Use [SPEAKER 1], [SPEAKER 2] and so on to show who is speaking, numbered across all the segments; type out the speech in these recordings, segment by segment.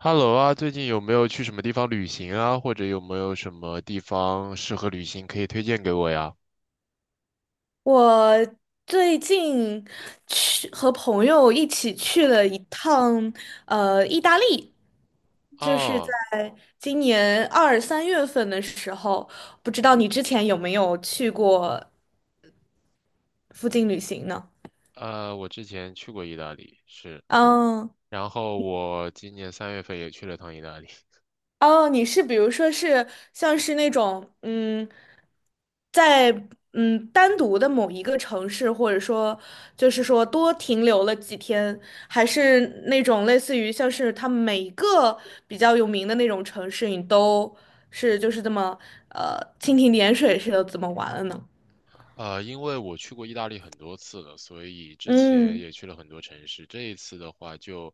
[SPEAKER 1] Hello 啊，最近有没有去什么地方旅行啊？或者有没有什么地方适合旅行可以推荐给我呀？
[SPEAKER 2] 我最近去和朋友一起去了一趟意大利，就是
[SPEAKER 1] 哦，
[SPEAKER 2] 在今年二三月份的时候，不知道你之前有没有去过附近旅行呢？
[SPEAKER 1] 我之前去过意大利，是，
[SPEAKER 2] 嗯。
[SPEAKER 1] 然后我今年三月份也去了趟意大利。
[SPEAKER 2] 哦，你是比如说是像是那种在单独的某一个城市，或者说就是说多停留了几天，还是那种类似于像是他每一个比较有名的那种城市，你都是就是这么蜻蜓点水似的怎么玩了呢？
[SPEAKER 1] 因为我去过意大利很多次了，所以之前
[SPEAKER 2] 嗯。
[SPEAKER 1] 也去了很多城市。这一次的话就，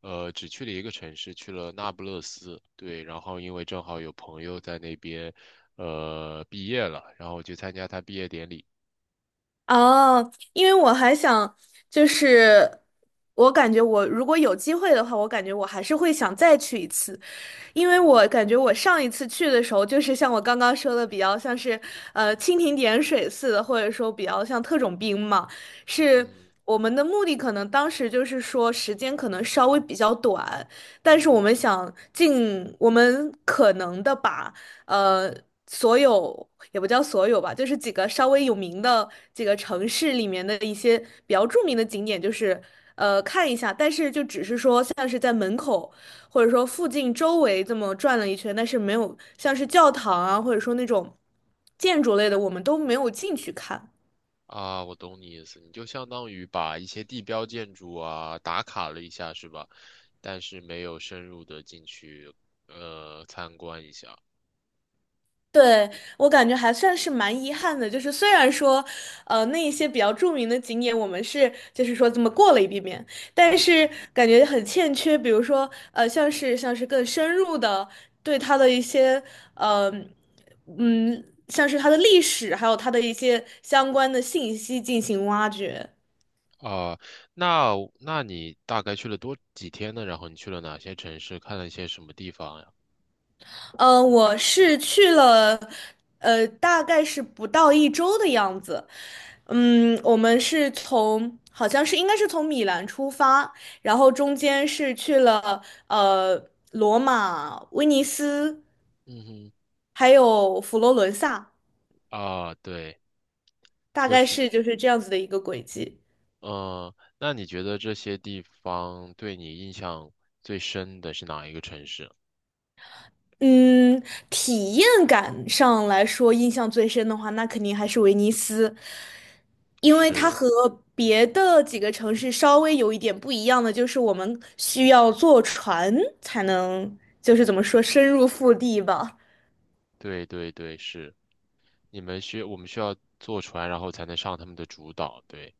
[SPEAKER 1] 只去了一个城市，去了那不勒斯。对，然后因为正好有朋友在那边，毕业了，然后我去参加他毕业典礼。
[SPEAKER 2] 哦，因为我还想，就是我感觉我如果有机会的话，我感觉我还是会想再去一次，因为我感觉我上一次去的时候，就是像我刚刚说的，比较像是蜻蜓点水似的，或者说比较像特种兵嘛，是，
[SPEAKER 1] 嗯。
[SPEAKER 2] 我们的目的可能当时就是说时间可能稍微比较短，但是我们想尽我们可能的把呃所有也不叫所有吧，就是几个稍微有名的几个城市里面的一些比较著名的景点，就是看一下，但是就只是说像是在门口。或者说附近周围这么转了一圈，但是没有像是教堂啊，或者说那种建筑类的，我们都没有进去看。
[SPEAKER 1] 啊，我懂你意思，你就相当于把一些地标建筑啊打卡了一下，是吧？但是没有深入的进去，参观一下。
[SPEAKER 2] 对，我感觉还算是蛮遗憾的，就是虽然说，那一些比较著名的景点我们是就是说这么过了一遍遍，但
[SPEAKER 1] 嗯。
[SPEAKER 2] 是感觉很欠缺，比如说，像是更深入的对它的一些，呃，嗯，像是它的历史，还有它的一些相关的信息进行挖掘。
[SPEAKER 1] 啊，那你大概去了多几天呢？然后你去了哪些城市，看了一些什么地方呀？
[SPEAKER 2] 嗯，我是去了，大概是不到一周的样子。嗯，我们是从，好像是应该是从米兰出发，然后中间是去了呃罗马、威尼斯，
[SPEAKER 1] 嗯哼。
[SPEAKER 2] 还有佛罗伦萨，
[SPEAKER 1] 啊，对。
[SPEAKER 2] 大
[SPEAKER 1] 就
[SPEAKER 2] 概
[SPEAKER 1] 是，
[SPEAKER 2] 是就是这样子的一个轨迹。
[SPEAKER 1] 呃，那你觉得这些地方对你印象最深的是哪一个城市？
[SPEAKER 2] 嗯，体验感上来说，印象最深的话，那肯定还是威尼斯，因为它
[SPEAKER 1] 是。
[SPEAKER 2] 和别的几个城市稍微有一点不一样的，就是我们需要坐船才能，就是怎么说，深入腹地吧。
[SPEAKER 1] 对对对，是。你们需我们需要坐船，然后才能上他们的主岛。对。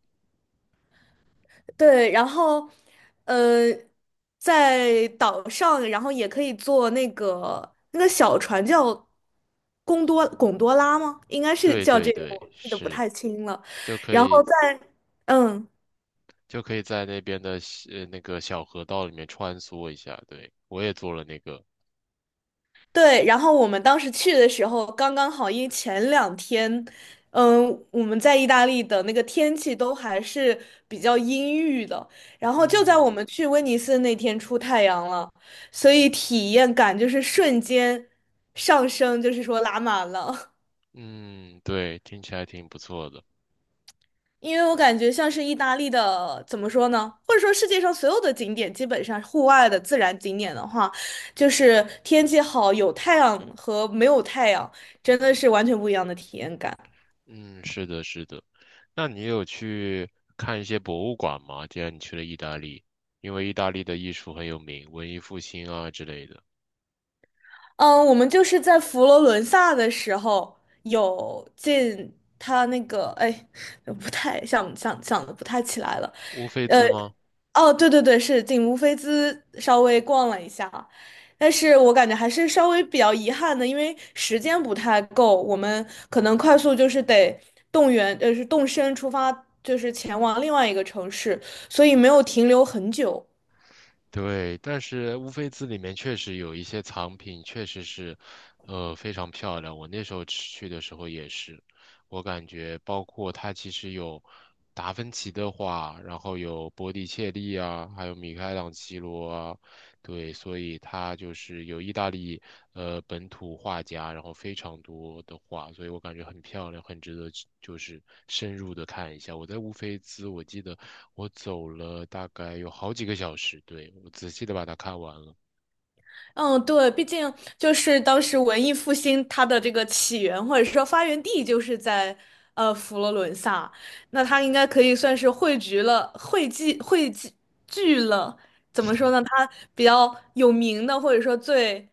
[SPEAKER 2] 对，然后，呃，在岛上，然后也可以坐那个小船叫贡多拉吗？应该是
[SPEAKER 1] 对
[SPEAKER 2] 叫
[SPEAKER 1] 对
[SPEAKER 2] 这个，
[SPEAKER 1] 对，
[SPEAKER 2] 我记得不
[SPEAKER 1] 是。
[SPEAKER 2] 太清了。
[SPEAKER 1] 就可
[SPEAKER 2] 然后
[SPEAKER 1] 以
[SPEAKER 2] 在嗯。
[SPEAKER 1] 就可以在那边的那个小河道里面穿梭一下。对，我也做了那个。
[SPEAKER 2] 对，然后我们当时去的时候，刚刚好，因为前两天，我们在意大利的那个天气都还是比较阴郁的，然后就在我
[SPEAKER 1] 嗯。
[SPEAKER 2] 们去威尼斯那天出太阳了，所以体验感就是瞬间上升，就是说拉满了。
[SPEAKER 1] 嗯，对，听起来挺不错的。
[SPEAKER 2] 因为我感觉像是意大利的，怎么说呢？或者说世界上所有的景点，基本上户外的自然景点的话，就是天气好、有太阳和没有太阳，真的是完全不一样的体验感。
[SPEAKER 1] 嗯，是的，是的。那你有去看一些博物馆吗？既然你去了意大利，因为意大利的艺术很有名，文艺复兴啊之类的。
[SPEAKER 2] 嗯，我们就是在佛罗伦萨的时候有进他那个，哎，不太想的不太起来了，
[SPEAKER 1] 乌菲
[SPEAKER 2] 呃，
[SPEAKER 1] 兹吗？
[SPEAKER 2] 哦，对对对，是进乌菲兹稍微逛了一下，但是我感觉还是稍微比较遗憾的，因为时间不太够，我们可能快速就是得动员，是动身出发，就是前往另外一个城市，所以没有停留很久。
[SPEAKER 1] 对，但是乌菲兹里面确实有一些藏品，确实是，非常漂亮。我那时候去的时候也是，我感觉包括它其实有达芬奇的画，然后有波提切利啊，还有米开朗基罗啊，对，所以他就是有意大利本土画家，然后非常多的画，所以我感觉很漂亮，很值得去就是深入的看一下。我在乌菲兹，我记得我走了大概有好几个小时，对，我仔细的把它看完了。
[SPEAKER 2] 嗯，对，毕竟就是当时文艺复兴它的这个起源或者说发源地就是在佛罗伦萨，那它应该可以算是汇聚了、汇集、汇集聚了，怎么说呢？它比较有名的或者说最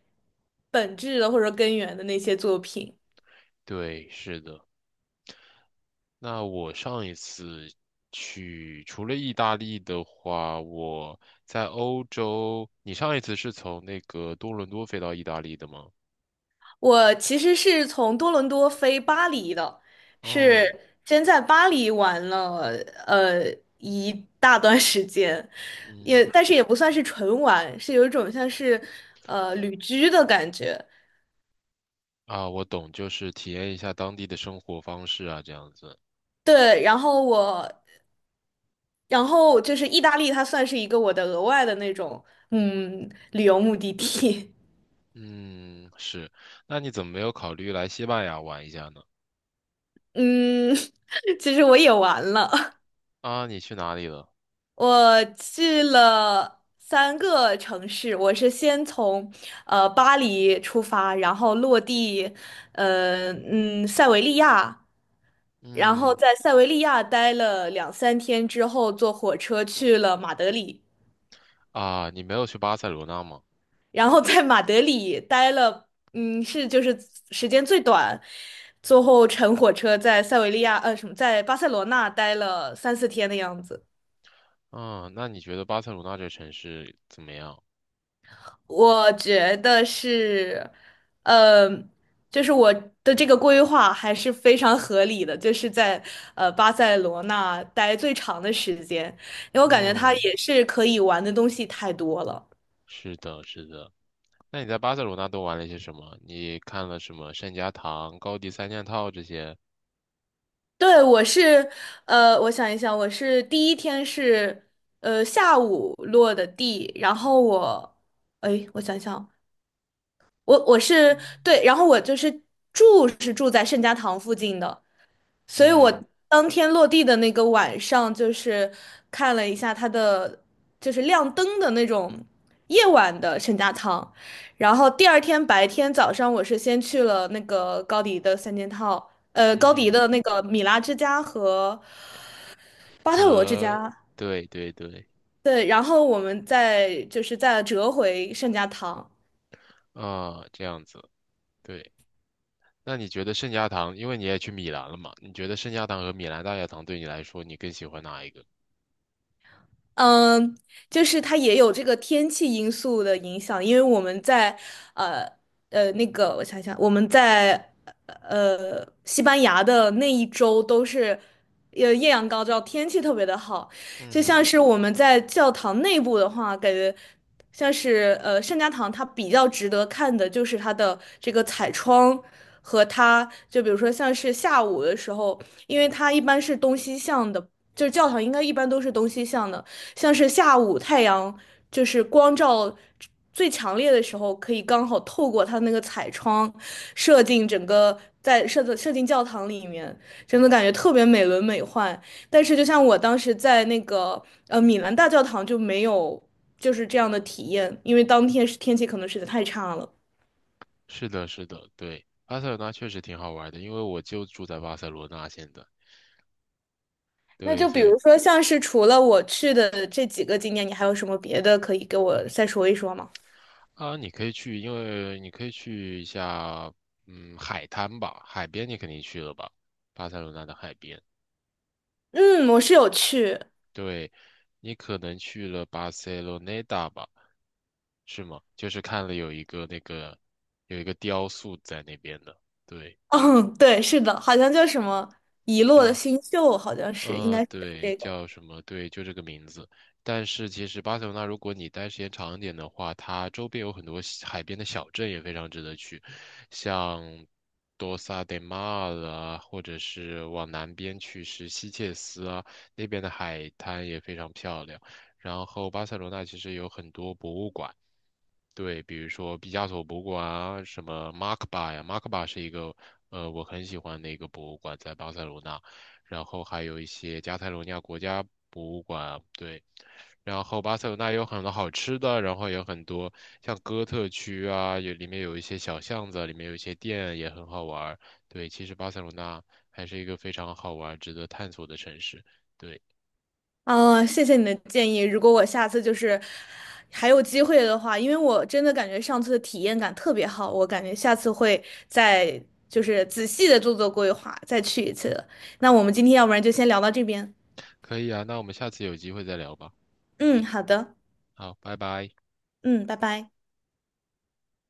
[SPEAKER 2] 本质的或者说根源的那些作品。
[SPEAKER 1] 对，是的。那我上一次去除了意大利的话，我在欧洲。你上一次是从那个多伦多飞到意大利的吗？
[SPEAKER 2] 我其实是从多伦多飞巴黎的，是
[SPEAKER 1] 嗯。
[SPEAKER 2] 先在巴黎玩了呃一大段时间，也
[SPEAKER 1] 嗯，
[SPEAKER 2] 但是也不算是纯玩，是有一种像是旅居的感觉。
[SPEAKER 1] 啊，我懂，就是体验一下当地的生活方式啊，这样子。
[SPEAKER 2] 对，然后我，然后就是意大利，它算是一个我的额外的那种旅游目的地。
[SPEAKER 1] 嗯，是。那你怎么没有考虑来西班牙玩一下呢？
[SPEAKER 2] 嗯，其实我也玩了。
[SPEAKER 1] 啊，你去哪里了？
[SPEAKER 2] 我去了三个城市，我是先从巴黎出发，然后落地塞维利亚，然后
[SPEAKER 1] 嗯。
[SPEAKER 2] 在塞维利亚待了两三天之后，坐火车去了马德里，
[SPEAKER 1] 啊，你没有去巴塞罗那吗？
[SPEAKER 2] 然后在马德里待了是就是时间最短，最后乘火车在塞维利亚呃什么在巴塞罗那待了三四天的样子。
[SPEAKER 1] 嗯，那你觉得巴塞罗那这城市怎么样？
[SPEAKER 2] 我觉得是，呃，就是我的这个规划还是非常合理的，就是在巴塞罗那待最长的时间，因为我感觉它
[SPEAKER 1] 嗯，
[SPEAKER 2] 也是可以玩的东西太多了。
[SPEAKER 1] 是的，是的。那你在巴塞罗那都玩了些什么？你看了什么圣家堂、高迪三件套这些？
[SPEAKER 2] 对，我是，我想一想，我是第一天是，下午落的地，然后我，哎，我想想，我是对，然后我就是住是住在圣家堂附近的，所以我
[SPEAKER 1] 嗯。
[SPEAKER 2] 当天落地的那个晚上，就是看了一下它的，就是亮灯的那种夜晚的圣家堂，然后第二天白天早上，我是先去了那个高迪的三件套，高迪
[SPEAKER 1] 嗯，
[SPEAKER 2] 的那个米拉之家和巴特罗之
[SPEAKER 1] 和
[SPEAKER 2] 家。
[SPEAKER 1] 对对对。
[SPEAKER 2] 对，然后我们再就是再折回圣家堂。
[SPEAKER 1] 啊，这样子。对。那你觉得圣家堂，因为你也去米兰了嘛？你觉得圣家堂和米兰大教堂对你来说，你更喜欢哪一个？
[SPEAKER 2] 嗯，就是它也有这个天气因素的影响，因为我们在呃那个，我想想，我们在西班牙的那一周都是艳阳高照，天气特别的好，
[SPEAKER 1] 嗯
[SPEAKER 2] 就
[SPEAKER 1] 哼。
[SPEAKER 2] 像是我们在教堂内部的话，感觉像是圣家堂，它比较值得看的就是它的这个彩窗。和它就比如说像是下午的时候，因为它一般是东西向的，就是教堂应该一般都是东西向的，像是下午太阳就是光照最强烈的时候，可以刚好透过它那个彩窗射进整个在射的射进教堂里面，真的感觉特别美轮美奂。但是就像我当时在那个米兰大教堂就没有就是这样的体验，因为当天是天气可能实在太差了。
[SPEAKER 1] 是的，是的，对，巴塞罗那确实挺好玩的，因为我就住在巴塞罗那现在。
[SPEAKER 2] 那
[SPEAKER 1] 对，
[SPEAKER 2] 就比
[SPEAKER 1] 所以
[SPEAKER 2] 如说，像是除了我去的这几个景点，你还有什么别的可以给我再说一说吗？
[SPEAKER 1] 啊，你可以去，因为你可以去一下，嗯，海滩吧，海边你肯定去了吧？巴塞罗那的海边。
[SPEAKER 2] 嗯，我是有去，
[SPEAKER 1] 对，你可能去了巴塞罗那达吧？是吗？就是看了有一个那个有一个雕塑在那边的。对。
[SPEAKER 2] 嗯，对，是的，好像叫什么遗
[SPEAKER 1] 这
[SPEAKER 2] 落的
[SPEAKER 1] 样。
[SPEAKER 2] 新秀，好像是，应该是叫
[SPEAKER 1] 对，
[SPEAKER 2] 这个。
[SPEAKER 1] 叫什么？对，就这个名字。但是其实巴塞罗那，如果你待时间长一点的话，它周边有很多小海边的小镇也非常值得去，像多萨德马尔啊，或者是往南边去是西切斯啊，那边的海滩也非常漂亮。然后巴塞罗那其实有很多博物馆。对，比如说毕加索博物馆啊，什么马克巴呀，马克巴是一个我很喜欢的一个博物馆，在巴塞罗那。然后还有一些加泰罗尼亚国家博物馆，对。然后巴塞罗那也有很多好吃的，然后也有很多像哥特区啊，有里面有一些小巷子，里面有一些店也很好玩儿。对，其实巴塞罗那还是一个非常好玩儿值得探索的城市。对，
[SPEAKER 2] 啊，谢谢你的建议。如果我下次就是还有机会的话，因为我真的感觉上次的体验感特别好，我感觉下次会再就是仔细的做做规划，再去一次了。那我们今天要不然就先聊到这边。
[SPEAKER 1] 可以啊，那我们下次有机会再聊吧。
[SPEAKER 2] 嗯，好的。
[SPEAKER 1] 好，拜拜。
[SPEAKER 2] 嗯，拜拜。